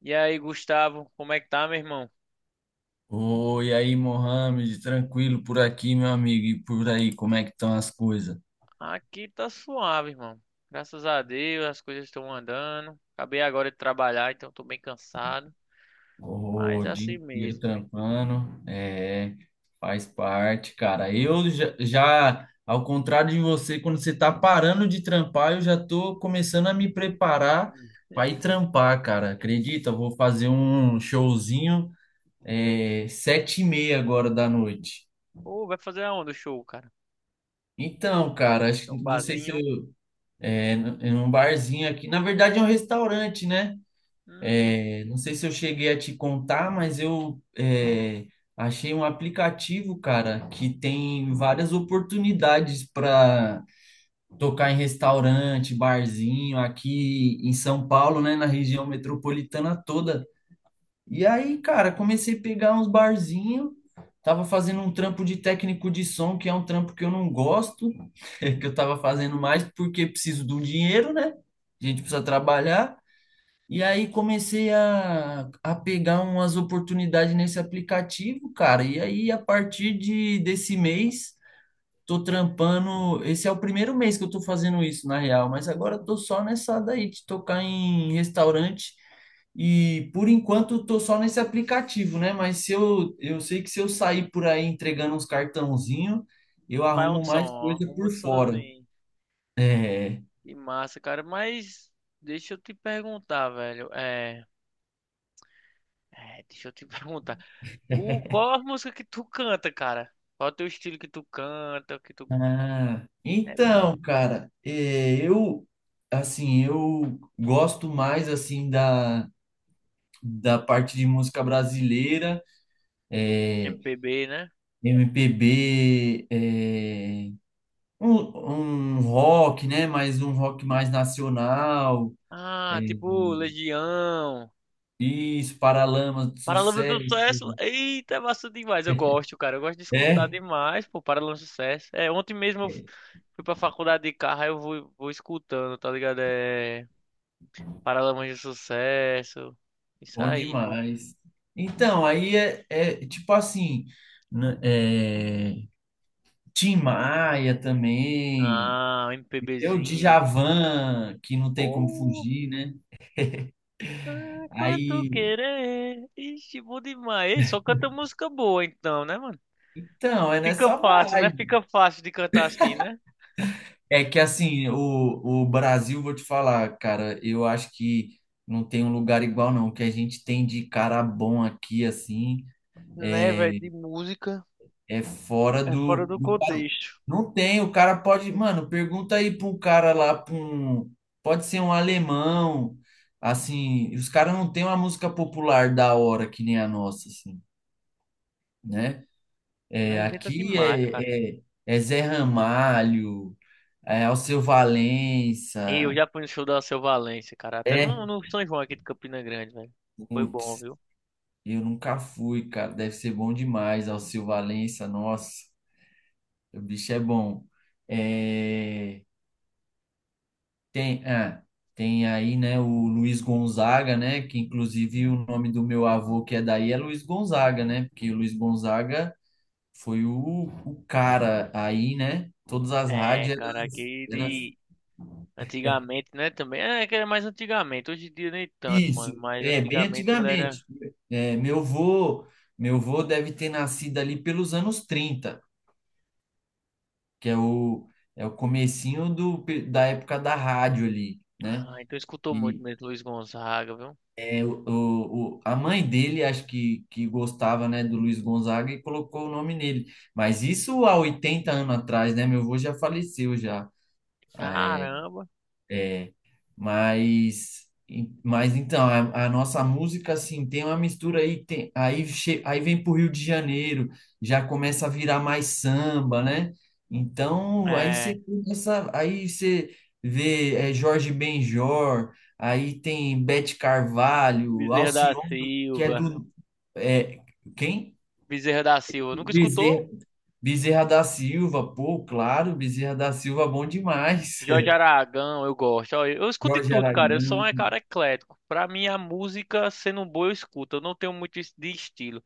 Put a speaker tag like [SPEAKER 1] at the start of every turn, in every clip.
[SPEAKER 1] E aí, Gustavo, como é que tá, meu irmão?
[SPEAKER 2] Oi, aí, Mohamed, tranquilo por aqui, meu amigo, e por aí, como é que estão as coisas?
[SPEAKER 1] Aqui tá suave, irmão. Graças a Deus, as coisas estão andando. Acabei agora de trabalhar, então tô bem cansado. Mas
[SPEAKER 2] O
[SPEAKER 1] é
[SPEAKER 2] dia
[SPEAKER 1] assim
[SPEAKER 2] inteiro
[SPEAKER 1] mesmo.
[SPEAKER 2] trampando, é, faz parte, cara. Eu já, ao contrário de você, quando você tá parando de trampar, eu já tô começando a me preparar
[SPEAKER 1] Hum.
[SPEAKER 2] para ir trampar, cara. Acredita? Eu vou fazer um showzinho, 7:30 agora da noite.
[SPEAKER 1] Pô, vai fazer aonde o show, cara?
[SPEAKER 2] Então, cara,
[SPEAKER 1] Tem um
[SPEAKER 2] não sei se
[SPEAKER 1] barzinho.
[SPEAKER 2] eu em um barzinho aqui. Na verdade, é um restaurante, né?
[SPEAKER 1] Hum,
[SPEAKER 2] É, não sei se eu cheguei a te contar, mas eu achei um aplicativo, cara, que tem várias oportunidades para tocar em restaurante, barzinho, aqui em São Paulo, né? Na região metropolitana toda. E aí, cara, comecei a pegar uns barzinhos, tava fazendo um trampo de técnico de som, que é um trampo que eu não gosto, que eu tava fazendo mais porque preciso do dinheiro, né? A gente precisa trabalhar. E aí comecei a pegar umas oportunidades nesse aplicativo, cara. E aí, a partir desse mês, tô trampando. Esse é o primeiro mês que eu tô fazendo isso, na real, mas agora eu tô só nessa daí de tocar em restaurante. E por enquanto eu tô só nesse aplicativo, né? Mas se eu, eu sei que se eu sair por aí entregando uns cartãozinho, eu
[SPEAKER 1] Faz um
[SPEAKER 2] arrumo
[SPEAKER 1] som,
[SPEAKER 2] mais
[SPEAKER 1] ó.
[SPEAKER 2] coisa
[SPEAKER 1] Arruma
[SPEAKER 2] por
[SPEAKER 1] um
[SPEAKER 2] fora.
[SPEAKER 1] sonzinho.
[SPEAKER 2] É.
[SPEAKER 1] Que massa, cara. Mas deixa eu te perguntar, velho. Deixa eu te perguntar. O, qual a música que tu canta, cara? Qual é o teu estilo que tu canta? Que tu...
[SPEAKER 2] Ah,
[SPEAKER 1] É
[SPEAKER 2] então, cara, eu assim, eu gosto mais assim da parte de música brasileira. é,
[SPEAKER 1] MPB, né?
[SPEAKER 2] MPB, é, um rock, né? Mas um rock mais nacional. é,
[SPEAKER 1] Ah, tipo Legião.
[SPEAKER 2] isso, Paralamas do
[SPEAKER 1] Paralamas do
[SPEAKER 2] Sucesso.
[SPEAKER 1] Sucesso. Eita, é massa demais. Eu gosto, cara. Eu gosto de escutar
[SPEAKER 2] É,
[SPEAKER 1] demais, pô, Paralamas do Sucesso. É, ontem mesmo eu fui pra faculdade de carro, aí eu vou, escutando, tá ligado? É Paralamas do Sucesso. Isso
[SPEAKER 2] bom
[SPEAKER 1] aí, irmão.
[SPEAKER 2] demais. Então, aí é tipo assim, n- é, Tim Maia também,
[SPEAKER 1] Ah, um
[SPEAKER 2] eu
[SPEAKER 1] MPBzinho.
[SPEAKER 2] Djavan, que não tem como
[SPEAKER 1] Pô,
[SPEAKER 2] fugir, né?
[SPEAKER 1] é quanto
[SPEAKER 2] Aí,
[SPEAKER 1] querer. Ixi, bom demais. Ei, só canta música boa então, né, mano?
[SPEAKER 2] então, é
[SPEAKER 1] Fica
[SPEAKER 2] nessa
[SPEAKER 1] fácil, né?
[SPEAKER 2] vibe.
[SPEAKER 1] Fica fácil de cantar assim, né?
[SPEAKER 2] É que assim, o Brasil, vou te falar, cara, eu acho que não tem um lugar igual, não. O que a gente tem de cara bom aqui, assim,
[SPEAKER 1] Né, velho, de música.
[SPEAKER 2] é fora
[SPEAKER 1] É fora do
[SPEAKER 2] do padrão.
[SPEAKER 1] contexto.
[SPEAKER 2] Não tem, o cara pode. Mano, pergunta aí pra um cara lá, pra um. Pode ser um alemão, assim, os caras não têm uma música popular da hora que nem a nossa, assim, né?
[SPEAKER 1] Né? A
[SPEAKER 2] É,
[SPEAKER 1] gente é
[SPEAKER 2] aqui
[SPEAKER 1] demais, cara.
[SPEAKER 2] é Zé Ramalho, é Alceu
[SPEAKER 1] E eu
[SPEAKER 2] Valença.
[SPEAKER 1] já fui no show da Alceu Valença, cara. Até
[SPEAKER 2] É,
[SPEAKER 1] no São João aqui de Campina Grande, velho. Foi bom,
[SPEAKER 2] putz.
[SPEAKER 1] viu?
[SPEAKER 2] Eu nunca fui, cara. Deve ser bom demais. Alceu Valença, nossa, o bicho é bom. É, tem, ah, tem aí, né, o Luiz Gonzaga, né? Que inclusive o nome do meu avô que é daí é Luiz Gonzaga, né? Porque o Luiz Gonzaga foi o cara aí, né? Todas as
[SPEAKER 1] É,
[SPEAKER 2] rádios
[SPEAKER 1] cara, aqui
[SPEAKER 2] eram, eram-
[SPEAKER 1] de... Antigamente, né, também. É, que era mais antigamente. Hoje em dia nem tanto,
[SPEAKER 2] isso,
[SPEAKER 1] mano. Mas
[SPEAKER 2] é bem
[SPEAKER 1] antigamente ele era...
[SPEAKER 2] antigamente. É, meu avô deve ter nascido ali pelos anos 30 que é é o comecinho da época da rádio ali, né?
[SPEAKER 1] Ah, então escutou muito
[SPEAKER 2] E
[SPEAKER 1] mesmo Luiz Gonzaga, viu?
[SPEAKER 2] é a mãe dele, acho que gostava, né, do Luiz Gonzaga e colocou o nome nele. Mas isso há 80 anos atrás, né? Meu avô já faleceu já.
[SPEAKER 1] Caramba.
[SPEAKER 2] é, Mas, mas então, a nossa música, assim, tem uma mistura aí, aí vem pro Rio de Janeiro, já começa a virar mais samba, né? Então, aí você
[SPEAKER 1] É,
[SPEAKER 2] começa, aí você vê Jorge Benjor, aí tem Beth Carvalho,
[SPEAKER 1] Bezerra da
[SPEAKER 2] Alcione, que é
[SPEAKER 1] Silva.
[SPEAKER 2] do... É, quem?
[SPEAKER 1] Bezerra da Silva. Nunca escutou?
[SPEAKER 2] Bezerra, Bezerra da Silva, pô, claro, Bezerra da Silva, bom demais.
[SPEAKER 1] Jorge Aragão, eu gosto. Ó, eu escuto de
[SPEAKER 2] Jorge
[SPEAKER 1] tudo, cara. Eu sou
[SPEAKER 2] Aragão,
[SPEAKER 1] um cara eclético. Pra mim, a música, sendo boa, eu escuto. Eu não tenho muito de estilo.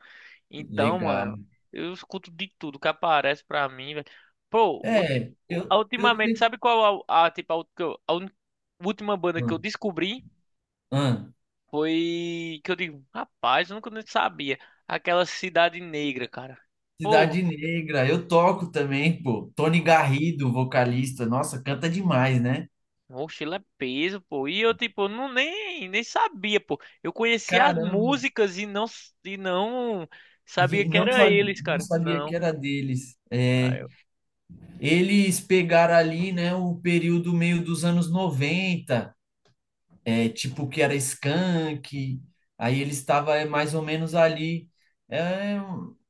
[SPEAKER 1] Então,
[SPEAKER 2] legal.
[SPEAKER 1] mano, eu escuto de tudo que aparece pra mim, velho. Pô,
[SPEAKER 2] Eu
[SPEAKER 1] ultimamente, sabe
[SPEAKER 2] tenho.
[SPEAKER 1] qual tipo, a última banda que
[SPEAKER 2] Ah,
[SPEAKER 1] eu descobri?
[SPEAKER 2] ah,
[SPEAKER 1] Foi que eu digo, rapaz, eu nunca nem sabia. Aquela Cidade Negra, cara. Pô,
[SPEAKER 2] Cidade Negra, eu toco também, pô. Tony Garrido, vocalista, nossa, canta demais, né?
[SPEAKER 1] Mochila é peso, pô. E eu, tipo, não nem sabia, pô. Eu conhecia as
[SPEAKER 2] Caramba,
[SPEAKER 1] músicas e não, sabia
[SPEAKER 2] e
[SPEAKER 1] que
[SPEAKER 2] não,
[SPEAKER 1] era
[SPEAKER 2] sabe,
[SPEAKER 1] eles,
[SPEAKER 2] não
[SPEAKER 1] cara.
[SPEAKER 2] sabia que
[SPEAKER 1] Não.
[SPEAKER 2] era deles. É,
[SPEAKER 1] Aí eu
[SPEAKER 2] eles pegaram ali, né, o período meio dos anos 90, é, tipo que era Skank, aí eles estavam mais ou menos ali. É,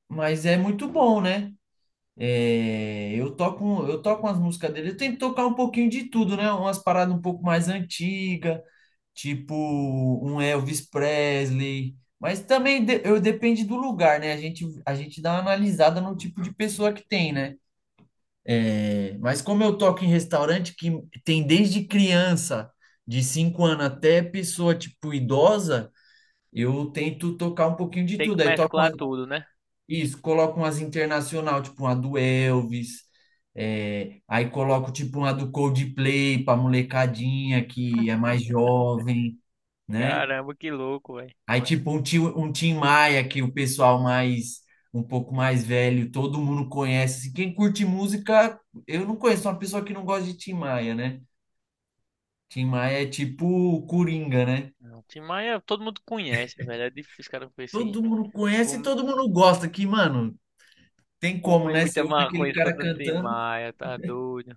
[SPEAKER 2] mas é muito bom, né? Eu toco umas músicas dele. Eu tento tocar um pouquinho de tudo, né? Umas paradas um pouco mais antigas, tipo um Elvis Presley. Mas também de- eu depende do lugar, né? A gente dá uma analisada no tipo de pessoa que tem, né? É, mas como eu toco em restaurante que tem desde criança, de 5 anos até pessoa tipo idosa, eu tento tocar um pouquinho de
[SPEAKER 1] tenho que
[SPEAKER 2] tudo. Aí toco uma-
[SPEAKER 1] mesclar tudo, né?
[SPEAKER 2] isso, coloco umas internacional, tipo uma do Elvis, é, aí coloco tipo uma do Coldplay pra molecadinha que é mais jovem, né?
[SPEAKER 1] Caramba, que louco, velho.
[SPEAKER 2] Aí um Tim Maia que o pessoal mais, um pouco mais velho, todo mundo conhece. Assim, quem curte música, eu não conheço uma pessoa que não gosta de Tim Maia, né? Tim Maia é tipo o Coringa, né?
[SPEAKER 1] Não, Tim Maia, todo mundo conhece, velho. É difícil, os caras conhecer.
[SPEAKER 2] Todo mundo conhece e
[SPEAKER 1] Fum-
[SPEAKER 2] todo mundo gosta, que, mano, tem como,
[SPEAKER 1] Fumei
[SPEAKER 2] né?
[SPEAKER 1] muita
[SPEAKER 2] Você ouve
[SPEAKER 1] maconha
[SPEAKER 2] aquele cara
[SPEAKER 1] escutando Tim
[SPEAKER 2] cantando,
[SPEAKER 1] Maia, tá doido.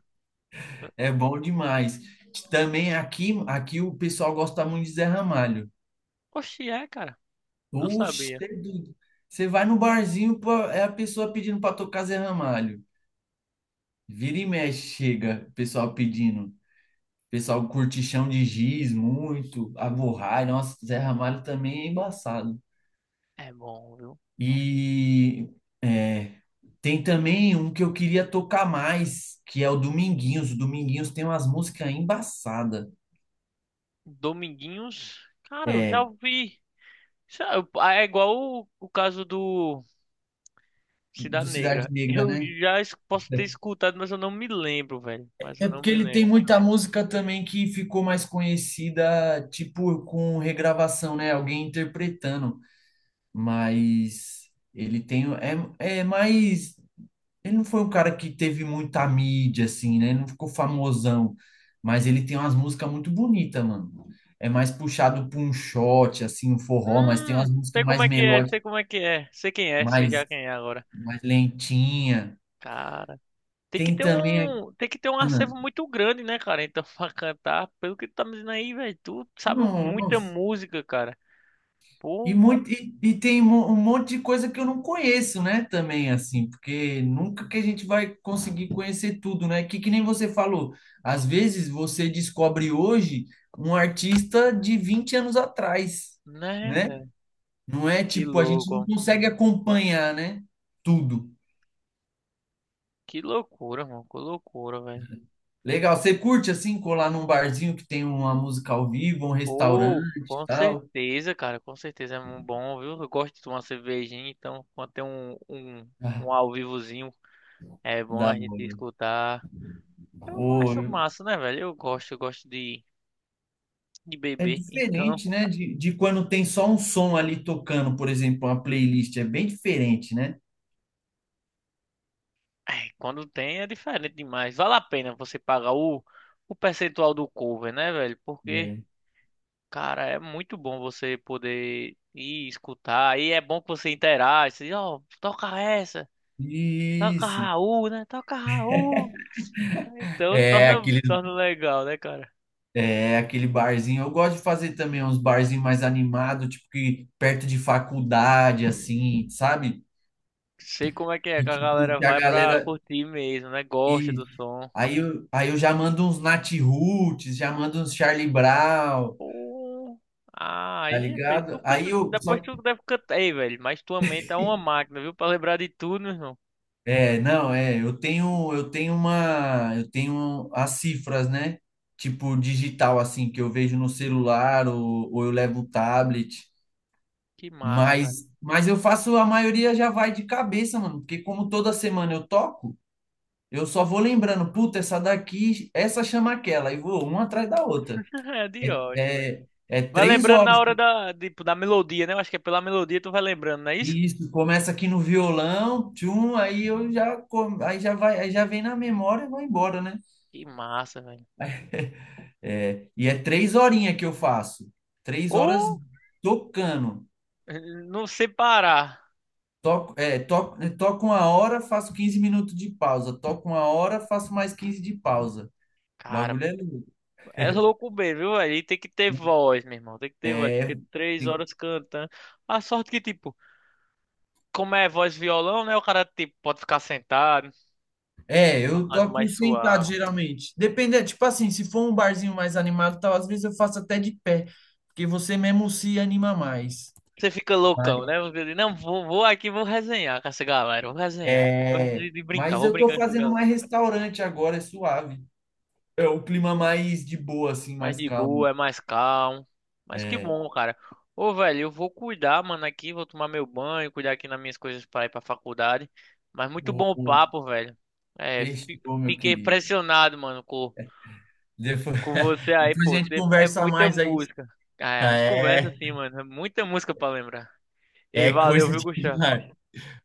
[SPEAKER 2] é bom demais. Também aqui, aqui o pessoal gosta muito de Zé Ramalho.
[SPEAKER 1] Oxi, é, cara. Não
[SPEAKER 2] Oxe,
[SPEAKER 1] sabia.
[SPEAKER 2] cê é doido. Você vai no barzinho, pô, é a pessoa pedindo para tocar Zé Ramalho. Vira e mexe, chega, o pessoal pedindo. O pessoal curte Chão de Giz muito, Avorrai, nossa, Zé Ramalho também é embaçado.
[SPEAKER 1] É bom, viu?
[SPEAKER 2] E é, tem também um que eu queria tocar mais, que é o Dominguinhos. O Dominguinhos tem umas músicas embaçadas.
[SPEAKER 1] Dominguinhos, cara, eu
[SPEAKER 2] É,
[SPEAKER 1] já ouvi. Isso é igual o caso do.
[SPEAKER 2] do
[SPEAKER 1] Cidade
[SPEAKER 2] Cidade
[SPEAKER 1] Negra.
[SPEAKER 2] Negra,
[SPEAKER 1] Eu
[SPEAKER 2] né?
[SPEAKER 1] já posso ter escutado, mas eu não me lembro, velho. Mas eu
[SPEAKER 2] É
[SPEAKER 1] não
[SPEAKER 2] porque
[SPEAKER 1] me
[SPEAKER 2] ele tem
[SPEAKER 1] lembro.
[SPEAKER 2] muita música também que ficou mais conhecida, tipo, com regravação, né? Alguém interpretando. Mas ele tem. É, é mais. Ele não foi um cara que teve muita mídia, assim, né? Ele não ficou famosão. Mas ele tem umas músicas muito bonitas, mano. É mais puxado pra um shot, assim, um forró, mas tem umas
[SPEAKER 1] Sei
[SPEAKER 2] músicas
[SPEAKER 1] como
[SPEAKER 2] mais
[SPEAKER 1] é que é,
[SPEAKER 2] melódicas,
[SPEAKER 1] sei como é que é. Sei quem é, sei já
[SPEAKER 2] mais,
[SPEAKER 1] quem é agora.
[SPEAKER 2] mais lentinha.
[SPEAKER 1] Cara, tem que
[SPEAKER 2] Tem
[SPEAKER 1] ter
[SPEAKER 2] também. A-
[SPEAKER 1] um, tem que ter um acervo muito grande, né, cara? Então, pra cantar, pelo que tu tá me dizendo aí, velho, tu sabe
[SPEAKER 2] Ah,
[SPEAKER 1] muita
[SPEAKER 2] nossa.
[SPEAKER 1] música, cara. Pô,
[SPEAKER 2] E tem um um monte de coisa que eu não conheço, né? Também, assim, porque nunca que a gente vai conseguir conhecer tudo, né? Que nem você falou, às vezes você descobre hoje um artista de 20 anos atrás,
[SPEAKER 1] né,
[SPEAKER 2] né?
[SPEAKER 1] velho?
[SPEAKER 2] Não é
[SPEAKER 1] Que
[SPEAKER 2] tipo, a gente não
[SPEAKER 1] louco,
[SPEAKER 2] consegue acompanhar, né? Tudo.
[SPEAKER 1] que loucura, mano, que loucura, velho.
[SPEAKER 2] Legal. Você curte, assim, colar num barzinho que tem uma música ao vivo, um restaurante
[SPEAKER 1] Pô,
[SPEAKER 2] e
[SPEAKER 1] com
[SPEAKER 2] tal?
[SPEAKER 1] certeza, cara, com certeza é muito bom, viu? Eu gosto de tomar cervejinha, então quando tem um, um,
[SPEAKER 2] Ah,
[SPEAKER 1] um ao vivozinho, é bom
[SPEAKER 2] da
[SPEAKER 1] a gente
[SPEAKER 2] hora.
[SPEAKER 1] escutar. Eu acho massa, né, velho? Eu gosto de
[SPEAKER 2] É
[SPEAKER 1] beber, então
[SPEAKER 2] diferente, né, de quando tem só um som ali tocando, por exemplo, uma playlist. É bem diferente, né?
[SPEAKER 1] é, quando tem é diferente demais. Vale a pena você pagar o percentual do cover, né, velho? Porque,
[SPEAKER 2] É.
[SPEAKER 1] cara, é muito bom você poder ir escutar, e é bom que você interage, você diz, ó, toca essa, toca
[SPEAKER 2] Isso.
[SPEAKER 1] Raul, né? Toca Raul. Então
[SPEAKER 2] É,
[SPEAKER 1] torna,
[SPEAKER 2] aquele.
[SPEAKER 1] torna legal, né, cara?
[SPEAKER 2] É aquele barzinho. Eu gosto de fazer também uns barzinhos mais animados, tipo que perto de faculdade, assim, sabe?
[SPEAKER 1] Sei como é,
[SPEAKER 2] Que
[SPEAKER 1] que a
[SPEAKER 2] tipo,
[SPEAKER 1] galera
[SPEAKER 2] que a
[SPEAKER 1] vai
[SPEAKER 2] galera.
[SPEAKER 1] pra curtir mesmo, né? Gosta do
[SPEAKER 2] E
[SPEAKER 1] som.
[SPEAKER 2] aí eu já mando uns Nat Roots, já mando uns Charlie Brown,
[SPEAKER 1] Pô, ah,
[SPEAKER 2] tá
[SPEAKER 1] aí, fez, tu
[SPEAKER 2] ligado? Aí
[SPEAKER 1] canta,
[SPEAKER 2] eu.
[SPEAKER 1] depois
[SPEAKER 2] Só
[SPEAKER 1] tu deve cantar, aí velho, mas tua mente é uma máquina, viu? Pra lembrar de tudo, meu irmão.
[SPEAKER 2] é, não, é, eu tenho as cifras, né? Tipo digital assim que eu vejo no celular ou eu levo o tablet,
[SPEAKER 1] Que massa, cara.
[SPEAKER 2] mas eu faço a maioria já vai de cabeça, mano, porque como toda semana eu toco, eu só vou lembrando, puta, essa daqui, essa chama aquela e vou uma atrás da outra.
[SPEAKER 1] É de
[SPEAKER 2] É,
[SPEAKER 1] ótimo, velho.
[SPEAKER 2] é
[SPEAKER 1] Vai
[SPEAKER 2] três
[SPEAKER 1] lembrando na
[SPEAKER 2] horas.
[SPEAKER 1] hora da, tipo, da melodia, né? Eu acho que é pela melodia tu vai lembrando, não é isso?
[SPEAKER 2] E isso, começa aqui no violão, tchum, aí eu já, aí já vai, aí já vem na memória e vai embora, né?
[SPEAKER 1] Que massa, velho.
[SPEAKER 2] É, e é três horinhas que eu faço. 3 horas
[SPEAKER 1] Ou
[SPEAKER 2] tocando.
[SPEAKER 1] não sei parar.
[SPEAKER 2] Toco, toco uma hora, faço 15 minutos de pausa. Toco uma hora, faço mais 15 de pausa. O bagulho é louco.
[SPEAKER 1] É louco mesmo, viu, velho? E tem que ter voz, meu irmão. Tem que ter voz,
[SPEAKER 2] É,
[SPEAKER 1] porque três
[SPEAKER 2] Tem-
[SPEAKER 1] horas cantando. A sorte que, tipo, como é voz violão, né? O cara, tipo, pode ficar sentado,
[SPEAKER 2] É, eu
[SPEAKER 1] tocando
[SPEAKER 2] toco
[SPEAKER 1] mais
[SPEAKER 2] sentado
[SPEAKER 1] suave.
[SPEAKER 2] geralmente. Depende, é, tipo assim, se for um barzinho mais animado, e tal, às vezes eu faço até de pé, porque você mesmo se anima mais.
[SPEAKER 1] Você fica
[SPEAKER 2] Mas,
[SPEAKER 1] loucão, né? Você diz, não, vou, vou aqui, vou resenhar com essa galera, vou resenhar. Eu gosto
[SPEAKER 2] é,
[SPEAKER 1] de brincar,
[SPEAKER 2] mas
[SPEAKER 1] vou
[SPEAKER 2] eu tô
[SPEAKER 1] brincar com essa
[SPEAKER 2] fazendo
[SPEAKER 1] galera.
[SPEAKER 2] mais restaurante agora, é suave. É o clima mais de boa, assim,
[SPEAKER 1] Mais
[SPEAKER 2] mais
[SPEAKER 1] de
[SPEAKER 2] calmo.
[SPEAKER 1] boa, é mais calmo. Mas que
[SPEAKER 2] É,
[SPEAKER 1] bom, cara. Ô, velho, eu vou cuidar, mano, aqui, vou tomar meu banho, cuidar aqui nas minhas coisas para ir pra faculdade. Mas muito bom o
[SPEAKER 2] O
[SPEAKER 1] papo, velho. É,
[SPEAKER 2] Sextou, meu
[SPEAKER 1] fiquei
[SPEAKER 2] querido.
[SPEAKER 1] impressionado, mano, com,
[SPEAKER 2] Depois,
[SPEAKER 1] com você aí,
[SPEAKER 2] depois a
[SPEAKER 1] pô.
[SPEAKER 2] gente
[SPEAKER 1] É
[SPEAKER 2] conversa
[SPEAKER 1] muita
[SPEAKER 2] mais aí.
[SPEAKER 1] música. Ah, é, a gente conversa
[SPEAKER 2] É,
[SPEAKER 1] assim, mano. É muita música pra lembrar. E
[SPEAKER 2] é
[SPEAKER 1] valeu,
[SPEAKER 2] coisa
[SPEAKER 1] viu, Gustavo?
[SPEAKER 2] demais.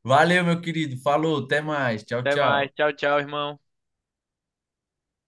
[SPEAKER 2] Valeu, meu querido. Falou, até mais. Tchau,
[SPEAKER 1] Até mais.
[SPEAKER 2] tchau.
[SPEAKER 1] Tchau, tchau, irmão.